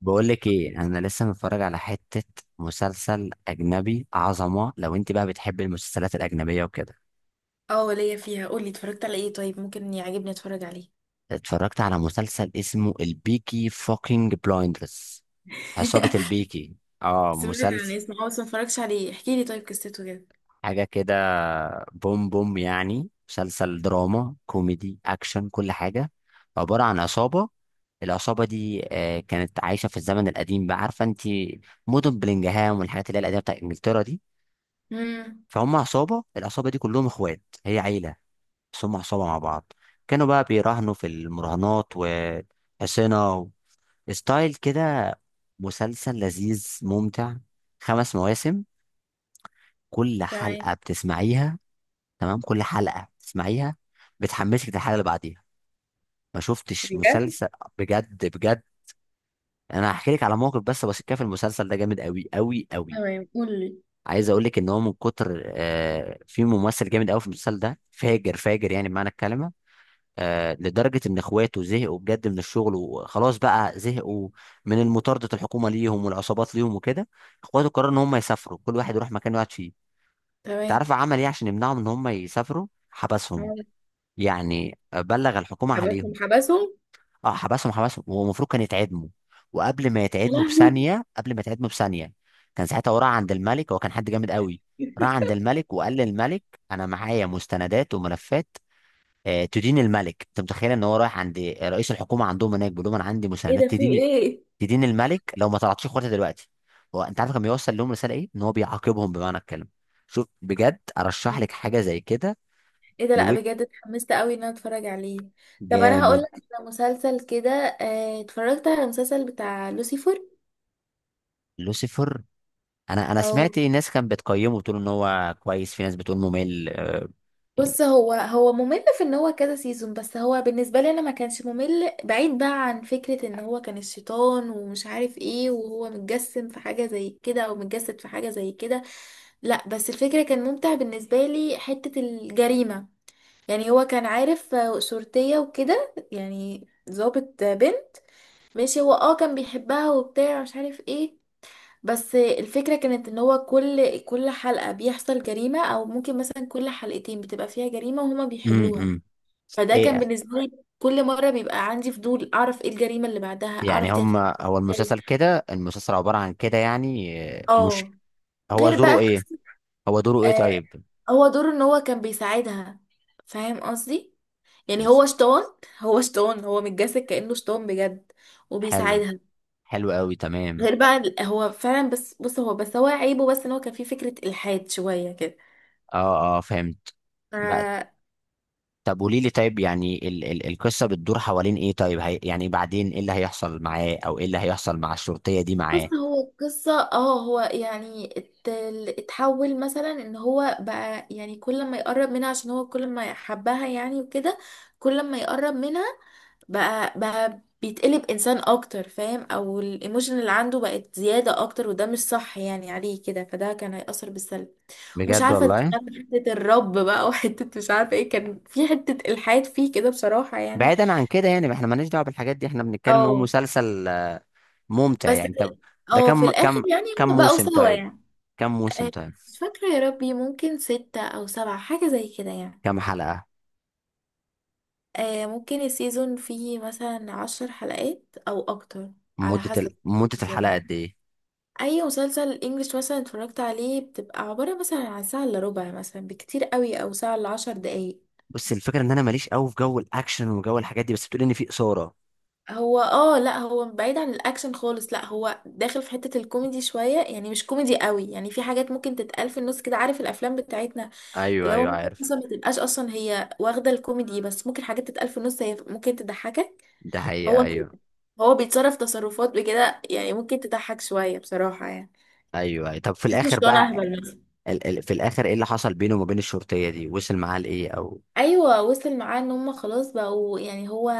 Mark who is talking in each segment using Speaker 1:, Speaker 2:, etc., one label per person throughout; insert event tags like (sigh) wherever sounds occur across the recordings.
Speaker 1: بقول لك ايه، انا لسه متفرج على حته مسلسل اجنبي عظمه. لو انت بقى بتحب المسلسلات الاجنبيه وكده،
Speaker 2: اه، ليا فيها. قولي اتفرجت على ايه؟ طيب ممكن يعجبني اتفرج عليه.
Speaker 1: اتفرجت على مسلسل اسمه البيكي فوكينج بلايندرز. عصابه
Speaker 2: (laughs)
Speaker 1: البيكي، اه
Speaker 2: سمعت عن
Speaker 1: مسلسل
Speaker 2: اسمه، بس ما اتفرجتش عليه. احكي لي طيب قصته كده.
Speaker 1: حاجه كده، بوم بوم، يعني مسلسل دراما كوميدي اكشن كل حاجه. عباره عن عصابه. العصابه دي كانت عايشه في الزمن القديم. بقى عارفه انت مدن بلينجهام والحاجات اللي هي القديمه بتاعت انجلترا دي.
Speaker 2: امم.
Speaker 1: فهم عصابة، العصابة دي كلهم اخوات، هي عيلة بس هم عصابة مع بعض. كانوا بقى بيراهنوا في المراهنات وحصينة ستايل كده. مسلسل لذيذ ممتع، خمس مواسم، كل
Speaker 2: تمام.
Speaker 1: حلقة بتسمعيها. تمام، كل حلقة بتسمعيها بتحمسك للحلقة اللي بعديها. ما شفتش
Speaker 2: بجد.
Speaker 1: مسلسل بجد بجد. انا هحكي لك على موقف بس كده في المسلسل ده جامد قوي قوي قوي.
Speaker 2: تمام، قولي.
Speaker 1: عايز اقول لك ان هو من كتر في ممثل جامد قوي في المسلسل ده، فاجر فاجر يعني بمعنى الكلمة. آه، لدرجة إن إخواته زهقوا بجد من الشغل وخلاص بقى زهقوا من المطاردة، الحكومة ليهم والعصابات ليهم وكده. إخواته قرروا إن هم يسافروا، كل واحد يروح مكان يقعد فيه. أنت
Speaker 2: تمام.
Speaker 1: عارف عمل إيه عشان يمنعهم إن هم يسافروا؟ حبسهم.
Speaker 2: مالك؟
Speaker 1: يعني بلغ الحكومة
Speaker 2: حبسهم،
Speaker 1: عليهم.
Speaker 2: حبسهم.
Speaker 1: أه حبسهم حبسهم، هو المفروض كان يتعدموا. وقبل ما
Speaker 2: يا
Speaker 1: يتعدموا
Speaker 2: لهوي.
Speaker 1: بثانية، قبل ما يتعدموا بثانية، كان ساعتها هو راح عند الملك. هو كان حد جامد قوي. راح
Speaker 2: (laughs)
Speaker 1: عند الملك وقال للملك، أنا معايا مستندات وملفات، تدين الملك. انت متخيل ان هو رايح عند رئيس الحكومه عندهم هناك بيقول لهم انا عندي
Speaker 2: ايه
Speaker 1: مساندات
Speaker 2: ده، في
Speaker 1: تدين،
Speaker 2: ايه؟
Speaker 1: تدين الملك، لو ما طلعتش اخواتي دلوقتي. هو انت عارف كان بيوصل لهم رساله ايه؟ ان هو بيعاقبهم بمعنى الكلمه. شوف بجد، ارشح لك حاجه زي كده
Speaker 2: ايه ده؟ لا
Speaker 1: الويك،
Speaker 2: بجد اتحمست قوي ان انا اتفرج عليه. طب انا هقول
Speaker 1: جامد.
Speaker 2: لك على مسلسل كده، اتفرجت على مسلسل بتاع لوسيفر.
Speaker 1: لوسيفر، انا
Speaker 2: او،
Speaker 1: سمعت ناس كانت بتقيمه بتقول ان هو كويس، في ناس بتقول ممل يعني.
Speaker 2: بص، هو ممل في ان هو كذا سيزون، بس هو بالنسبه لي انا ما كانش ممل. بعيد بقى عن فكره ان هو كان الشيطان ومش عارف ايه، وهو متجسم في حاجه زي كده او متجسد في حاجه زي كده. لا بس الفكره كان ممتع بالنسبه لي حته الجريمه. يعني هو كان عارف شرطيه وكده، يعني ضابط بنت. ماشي، هو كان بيحبها وبتاع مش عارف ايه. بس الفكرة كانت ان هو كل حلقة بيحصل جريمة، او ممكن مثلا كل حلقتين بتبقى فيها جريمة وهما
Speaker 1: امم
Speaker 2: بيحلوها.
Speaker 1: امم.
Speaker 2: فده كان
Speaker 1: ايه،
Speaker 2: بالنسبة لي كل مرة بيبقى عندي فضول أعرف ايه الجريمة اللي بعدها، أعرف
Speaker 1: يعني
Speaker 2: دي
Speaker 1: هم
Speaker 2: هتكون
Speaker 1: هو المسلسل
Speaker 2: ازاي.
Speaker 1: كده؟ المسلسل عباره عن كده يعني مش
Speaker 2: اه.
Speaker 1: هو
Speaker 2: غير بقى
Speaker 1: دوره ايه؟ هو دوره ايه
Speaker 2: آه،
Speaker 1: طيب؟
Speaker 2: هو دوره ان هو كان بيساعدها. فاهم قصدي؟ يعني
Speaker 1: بس
Speaker 2: هو شطان. هو شطان، هو متجسد كأنه شطان بجد
Speaker 1: حلو،
Speaker 2: وبيساعدها.
Speaker 1: حلو قوي تمام.
Speaker 2: غير بقى هو فعلا. بس بص هو بس هو عيبه بس ان هو كان فيه فكرة إلحاد شوية
Speaker 1: اه اه، فهمت بقى.
Speaker 2: كده.
Speaker 1: طب قولي لي طيب، يعني ال القصه بتدور حوالين ايه طيب؟ هي يعني بعدين ايه اللي هيحصل معاه، او ايه اللي هيحصل مع الشرطيه دي
Speaker 2: بص،
Speaker 1: معاه؟
Speaker 2: هو القصة، هو يعني اتحول مثلا ان هو بقى يعني كل ما يقرب منها عشان هو كل ما يحبها، يعني وكده. كل ما يقرب منها بقى بيتقلب انسان اكتر، فاهم؟ او الايموشن اللي عنده بقت زيادة اكتر، وده مش صح يعني عليه كده، فده كان هيأثر بالسلب. مش
Speaker 1: بجد
Speaker 2: عارفة،
Speaker 1: والله.
Speaker 2: دخلنا في حتة الرب بقى (laughs) وحتة مش عارفة ايه. كان في حتة الحاد فيه كده، بصراحة يعني.
Speaker 1: بعيدا عن كده يعني، احنا مالناش دعوه بالحاجات دي، احنا بنتكلم ان هو
Speaker 2: اه.
Speaker 1: مسلسل ممتع
Speaker 2: بس في
Speaker 1: يعني. طب ده
Speaker 2: اه في
Speaker 1: كم
Speaker 2: الاخر
Speaker 1: كم
Speaker 2: يعني
Speaker 1: كم
Speaker 2: هم بقوا
Speaker 1: موسم
Speaker 2: سوا
Speaker 1: طيب؟
Speaker 2: يعني.
Speaker 1: كم موسم
Speaker 2: آه،
Speaker 1: طيب؟
Speaker 2: مش فاكرة يا ربي، ممكن ستة أو سبعة حاجة زي كده يعني.
Speaker 1: كم حلقه؟
Speaker 2: ممكن السيزون فيه مثلا 10 حلقات أو أكتر. على حسب
Speaker 1: مده
Speaker 2: السيزون
Speaker 1: الحلقه قد
Speaker 2: يعني.
Speaker 1: ايه؟
Speaker 2: أي مسلسل إنجليش مثلا اتفرجت عليه بتبقى عبارة مثلا عن ساعة إلا ربع مثلا بكتير قوي، أو ساعة إلا 10 دقايق.
Speaker 1: بص، الفكره ان انا ماليش قوي في جو الاكشن وجو الحاجات دي، بس بتقول ان في اثاره.
Speaker 2: هو لا، هو بعيد عن الاكشن خالص. لا، هو داخل في حتة الكوميدي شوية، يعني مش كوميدي قوي. يعني في حاجات ممكن تتقال في النص كده، عارف الافلام بتاعتنا
Speaker 1: ايوه
Speaker 2: اللي هو
Speaker 1: ايوه
Speaker 2: ممكن
Speaker 1: عارف.
Speaker 2: اصلا ما تبقاش اصلا هي واخدة الكوميدي، بس ممكن حاجات تتقال في النص هي ممكن تضحكك.
Speaker 1: ده حقيقة.
Speaker 2: هو كده.
Speaker 1: ايوه
Speaker 2: هو بيتصرف تصرفات بكده، يعني ممكن تضحك شوية بصراحة يعني.
Speaker 1: ايوه أيوة. طب في
Speaker 2: تحس مش
Speaker 1: الاخر
Speaker 2: طالع
Speaker 1: بقى،
Speaker 2: اهبل مثلا.
Speaker 1: في الاخر ايه اللي حصل بينه وما بين الشرطيه دي؟ وصل معاه لايه او؟
Speaker 2: ايوه، وصل معاه ان هم خلاص بقوا يعني. هو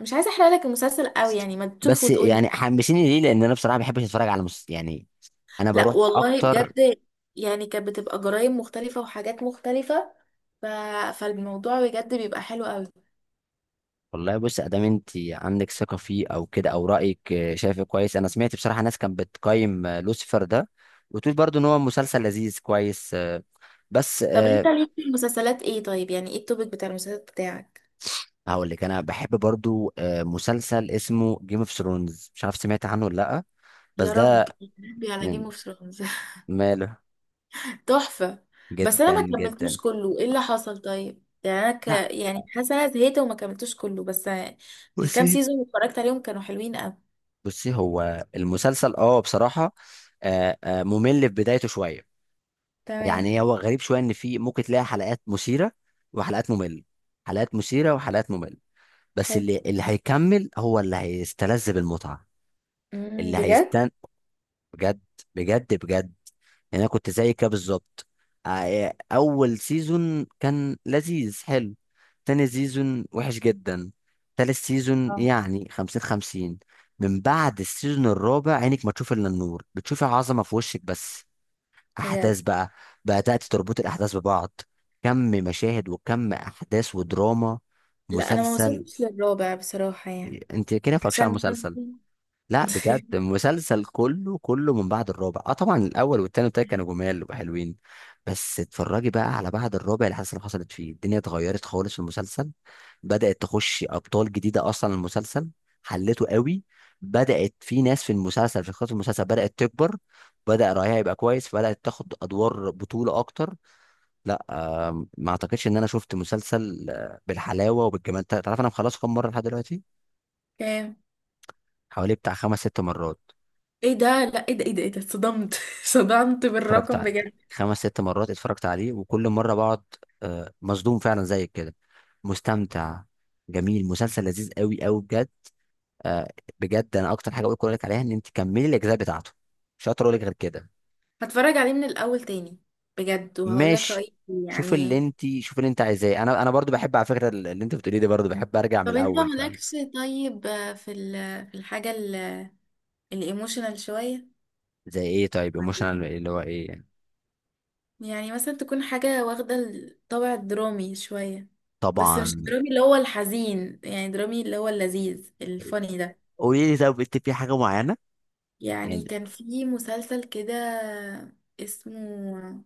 Speaker 2: مش عايزه احرق لك المسلسل قوي، يعني ما تشوفه
Speaker 1: بس
Speaker 2: وتقول.
Speaker 1: يعني حمسيني ليه، لان انا بصراحه ما بحبش اتفرج على يعني. انا
Speaker 2: لا
Speaker 1: بروح
Speaker 2: والله
Speaker 1: اكتر.
Speaker 2: بجد. يعني كانت بتبقى جرايم مختلفة وحاجات مختلفة. ف... فالموضوع بجد بيبقى حلو قوي.
Speaker 1: والله بص، ادام انت عندك ثقه فيه او كده او رايك شايفه كويس. انا سمعت بصراحه ناس كانت بتقيم لوسيفر ده، وتقول برضو ان هو مسلسل لذيذ كويس بس
Speaker 2: طب انت
Speaker 1: أه.
Speaker 2: ليك في المسلسلات ايه طيب؟ يعني ايه التوبيك بتاع المسلسلات بتاعك؟
Speaker 1: هقول لك، انا بحب برضو مسلسل اسمه جيم اوف ثرونز، مش عارف سمعت عنه ولا لا؟ بس
Speaker 2: يا رب،
Speaker 1: ده.
Speaker 2: يا ربي، على جيم
Speaker 1: من-
Speaker 2: اوف ثرونز.
Speaker 1: ماله.
Speaker 2: (laughs) تحفة. بس انا
Speaker 1: جدا
Speaker 2: ما كملتوش
Speaker 1: جدا.
Speaker 2: كله، ايه اللي حصل طيب؟ يعني انا
Speaker 1: لا
Speaker 2: يعني حاسه انا زهقت وما كملتوش كله بس. الكام
Speaker 1: بصي،
Speaker 2: سيزون اللي اتفرجت عليهم كانوا حلوين قوي.
Speaker 1: بصي هو المسلسل اه بصراحة ممل في بدايته شوية.
Speaker 2: تمام.
Speaker 1: يعني هو غريب شوية، ان في ممكن تلاقي حلقات مثيرة وحلقات ممل. حلقات مثيرة وحلقات ممل بس
Speaker 2: حلو.
Speaker 1: اللي هيكمل هو اللي هيستلذ بالمتعة.
Speaker 2: امم.
Speaker 1: اللي
Speaker 2: بجد.
Speaker 1: هيست بجد، بجد بجد. يعني انا كنت زي كده بالظبط. اول سيزون كان لذيذ حلو، تاني سيزون وحش جدا، تالت سيزون
Speaker 2: اه.
Speaker 1: يعني خمسين خمسين. من بعد السيزون الرابع، عينك ما تشوف الا النور، بتشوفي عظمه في وشك بس.
Speaker 2: بجد.
Speaker 1: احداث بقى، بدات تربط الاحداث ببعض، كم مشاهد وكم احداث ودراما،
Speaker 2: لا، انا ما
Speaker 1: مسلسل.
Speaker 2: وصلتش للرابع بصراحة
Speaker 1: إيه،
Speaker 2: يعني.
Speaker 1: انت كده مفكش على
Speaker 2: عشان كان.
Speaker 1: المسلسل. لا بجد
Speaker 2: (laughs)
Speaker 1: مسلسل كله كله، من بعد الرابع. اه طبعا الاول والتاني والتالت كانوا جمال وحلوين، بس اتفرجي بقى على بعد الرابع، الحادثه اللي حصل حصلت فيه الدنيا اتغيرت خالص في المسلسل. بدات تخش ابطال جديده اصلا المسلسل، حلته قوي. بدات في ناس في المسلسل، في خط المسلسل بدات تكبر، بدا رايها يبقى كويس، فبدات تاخد ادوار بطوله اكتر. لا آه، ما اعتقدش ان انا شفت مسلسل بالحلاوه وبالجمال. تعرف انا مخلصه كام مره لحد دلوقتي؟
Speaker 2: كام؟
Speaker 1: حوالي بتاع خمس ست مرات
Speaker 2: ايه ده؟ لا ايه ده، ايه ده، ايه ده؟ اتصدمت. (laughs) صدمت
Speaker 1: اتفرجت
Speaker 2: بالرقم
Speaker 1: عليه،
Speaker 2: بجد.
Speaker 1: خمس ست مرات اتفرجت عليه وكل مرة بقعد مصدوم فعلا زيك كده، مستمتع. جميل، مسلسل لذيذ قوي قوي بجد آه، بجد. انا اكتر حاجة اقول لك عليها، ان انت كملي الاجزاء بتاعته. مش هقدر اقول لك غير كده.
Speaker 2: هتفرج عليه من الاول تاني بجد، وهقول لك
Speaker 1: ماشي.
Speaker 2: رأيي فيه يعني.
Speaker 1: شوف اللي انت عايزاه. انا برضو بحب على فكرة اللي انت بتقوليه ده، برضو بحب ارجع من
Speaker 2: طب انت
Speaker 1: الاول فاهم.
Speaker 2: مالكش طيب في في الحاجة الايموشنال شوية؟
Speaker 1: زي ايه طيب؟
Speaker 2: ولا
Speaker 1: ايموشنال اللي هو ايه يعني؟
Speaker 2: يعني مثلا تكون حاجة واخدة الطابع الدرامي شوية، بس مش
Speaker 1: طبعا.
Speaker 2: الدرامي اللي هو الحزين، يعني درامي اللي هو اللذيذ الفاني ده.
Speaker 1: قولي لي، طب انت في حاجة معينة؟
Speaker 2: يعني
Speaker 1: يعني.
Speaker 2: كان في مسلسل كده اسمه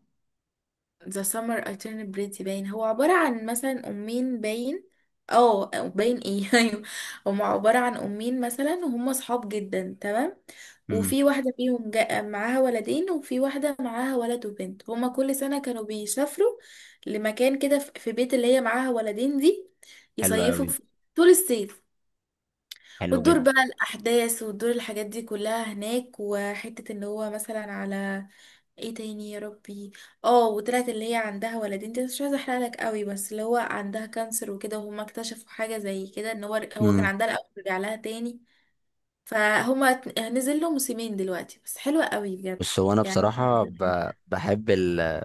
Speaker 2: ذا سمر alternate بريتي باين، هو عبارة عن مثلا أمين باين. اه، أو باين ايه؟ (laughs) ايوه. هما عبارة عن أمين مثلا، وهم صحاب جدا تمام.
Speaker 1: امم.
Speaker 2: وفي واحدة فيهم معاها ولدين، وفي واحدة معاها ولد وبنت. هما كل سنة كانوا بيسافروا لمكان كده، في بيت اللي هي معاها ولدين دي،
Speaker 1: حلو
Speaker 2: يصيفوا
Speaker 1: قوي،
Speaker 2: في طول الصيف.
Speaker 1: حلو
Speaker 2: وتدور
Speaker 1: جدا.
Speaker 2: بقى الأحداث وتدور الحاجات دي كلها هناك، وحتة ان هو مثلا على ايه تاني يا ربي. اه، وطلعت اللي هي عندها ولدين دي، مش عايزة احرقلك قوي، بس اللي هو عندها كانسر وكده، وهما اكتشفوا حاجة زي كده ان هو كان عندها الأول رجع لها تاني. فهما نزل له موسمين دلوقتي بس، حلوة قوي بجد.
Speaker 1: بس هو انا
Speaker 2: يعني هما
Speaker 1: بصراحه
Speaker 2: نزل حلو.
Speaker 1: بحب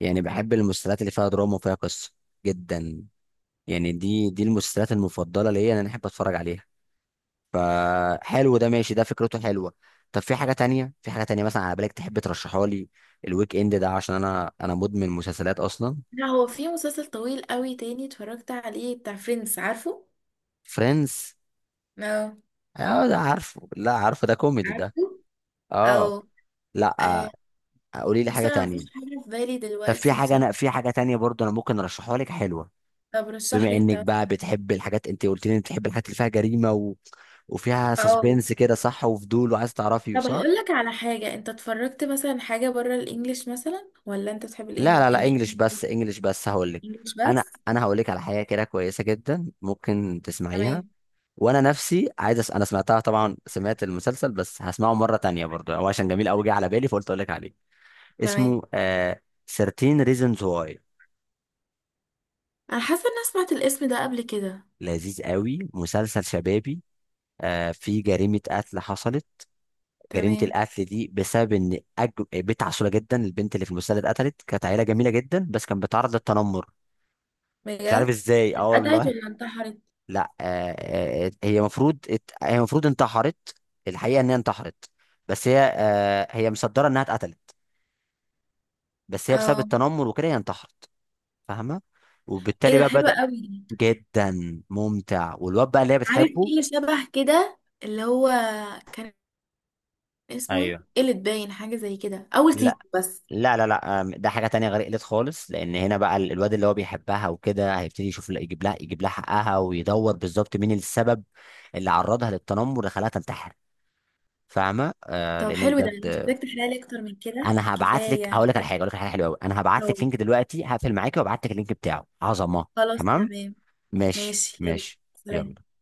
Speaker 1: يعني بحب المسلسلات اللي فيها دراما وفيها قصه، جدا. يعني دي المسلسلات المفضله ليا، إن انا احب اتفرج عليها. فحلو ده، ماشي، ده فكرته حلوه. طب في حاجه تانية؟ مثلا على بالك تحب ترشحها لي الويك اند ده؟ عشان انا مدمن مسلسلات اصلا.
Speaker 2: لا، هو في مسلسل طويل قوي تاني اتفرجت عليه بتاع فريندز، عارفه؟
Speaker 1: فريندز.
Speaker 2: اه،
Speaker 1: اه ده عارفه، لا عارفه ده كوميدي ده.
Speaker 2: عارفه؟
Speaker 1: اه.
Speaker 2: او.
Speaker 1: لا.
Speaker 2: آه،
Speaker 1: قولي لي
Speaker 2: بص
Speaker 1: حاجه
Speaker 2: انا مفيش
Speaker 1: تانية.
Speaker 2: حاجه في بالي
Speaker 1: طب في
Speaker 2: دلوقتي.
Speaker 1: حاجه، انا في حاجه تانية برضو انا ممكن ارشحها لك حلوه.
Speaker 2: طب
Speaker 1: بما
Speaker 2: رشح لي انت
Speaker 1: انك بقى
Speaker 2: مثلا.
Speaker 1: بتحب الحاجات، انت قلت لي إنك بتحب الحاجات اللي فيها جريمه و، وفيها
Speaker 2: اه.
Speaker 1: سسبنس كده، صح؟ وفضول وعايز تعرفي،
Speaker 2: طب
Speaker 1: صح؟
Speaker 2: هقول لك على حاجة، انت اتفرجت مثلا حاجة بره الانجليش مثلا، ولا انت بتحب
Speaker 1: لا لا لا، انجلش بس، انجلش بس هقول لك.
Speaker 2: الانجليش
Speaker 1: انا
Speaker 2: بس؟
Speaker 1: انا هقول لك على حاجه كده كويسه جدا ممكن تسمعيها.
Speaker 2: تمام.
Speaker 1: وانا نفسي عايز انا سمعتها طبعا، سمعت المسلسل بس هسمعه مره تانية برضو، هو عشان جميل قوي. جه على بالي فقلت اقول لك عليه. اسمه
Speaker 2: تمام.
Speaker 1: 13 reasons why.
Speaker 2: انا حاسة ان انا سمعت الاسم ده قبل كده.
Speaker 1: لذيذ قوي، مسلسل شبابي. في جريمه قتل حصلت، جريمة
Speaker 2: تمام.
Speaker 1: القتل دي بسبب إن بنت عسولة جدا، البنت اللي في المسلسل اتقتلت، كانت عيلة جميلة جدا بس كانت بتعرض للتنمر. مش عارف
Speaker 2: بجد.
Speaker 1: إزاي، أه
Speaker 2: اتقطعت
Speaker 1: والله.
Speaker 2: ولا انتحرت؟
Speaker 1: لا آه. هي المفروض هي المفروض انتحرت. الحقيقة إن هي انتحرت، بس هي آه هي مصدرة إنها اتقتلت، بس هي بسبب
Speaker 2: اه.
Speaker 1: التنمر وكده هي انتحرت. فاهمة؟ وبالتالي
Speaker 2: ايه ده،
Speaker 1: بقى
Speaker 2: حلوة
Speaker 1: بدأ،
Speaker 2: قوي دي.
Speaker 1: جدا ممتع، والواد بقى اللي هي
Speaker 2: عارف ايه
Speaker 1: بتحبه.
Speaker 2: اللي شبه كده اللي هو كان اسمه ايه؟
Speaker 1: ايوه.
Speaker 2: قلت باين، حاجة زي كده، اول سيزون بس.
Speaker 1: لا لا لا، ده حاجة تانية غير قلت خالص. لأن هنا بقى الواد اللي هو بيحبها وكده هيبتدي يشوف، لا، يجيب لها، يجيب لها حقها، ويدور بالظبط مين السبب اللي عرضها للتنمر، اللي خلاها تنتحر. فاهمة؟ آه
Speaker 2: طب
Speaker 1: لأنه
Speaker 2: حلو، ده مش
Speaker 1: بجد.
Speaker 2: محتاج تحلالي اكتر من كده،
Speaker 1: أنا هبعت لك، هقول
Speaker 2: كفاية
Speaker 1: لك على حاجة، حلوة أوي. أنا هبعت
Speaker 2: اه،
Speaker 1: لك لينك دلوقتي، هقفل معاكي وابعت لك اللينك بتاعه. عظمة.
Speaker 2: خلاص
Speaker 1: تمام؟
Speaker 2: تمام.
Speaker 1: ماشي
Speaker 2: ماشي، يلا.
Speaker 1: ماشي،
Speaker 2: سلام.
Speaker 1: يلا.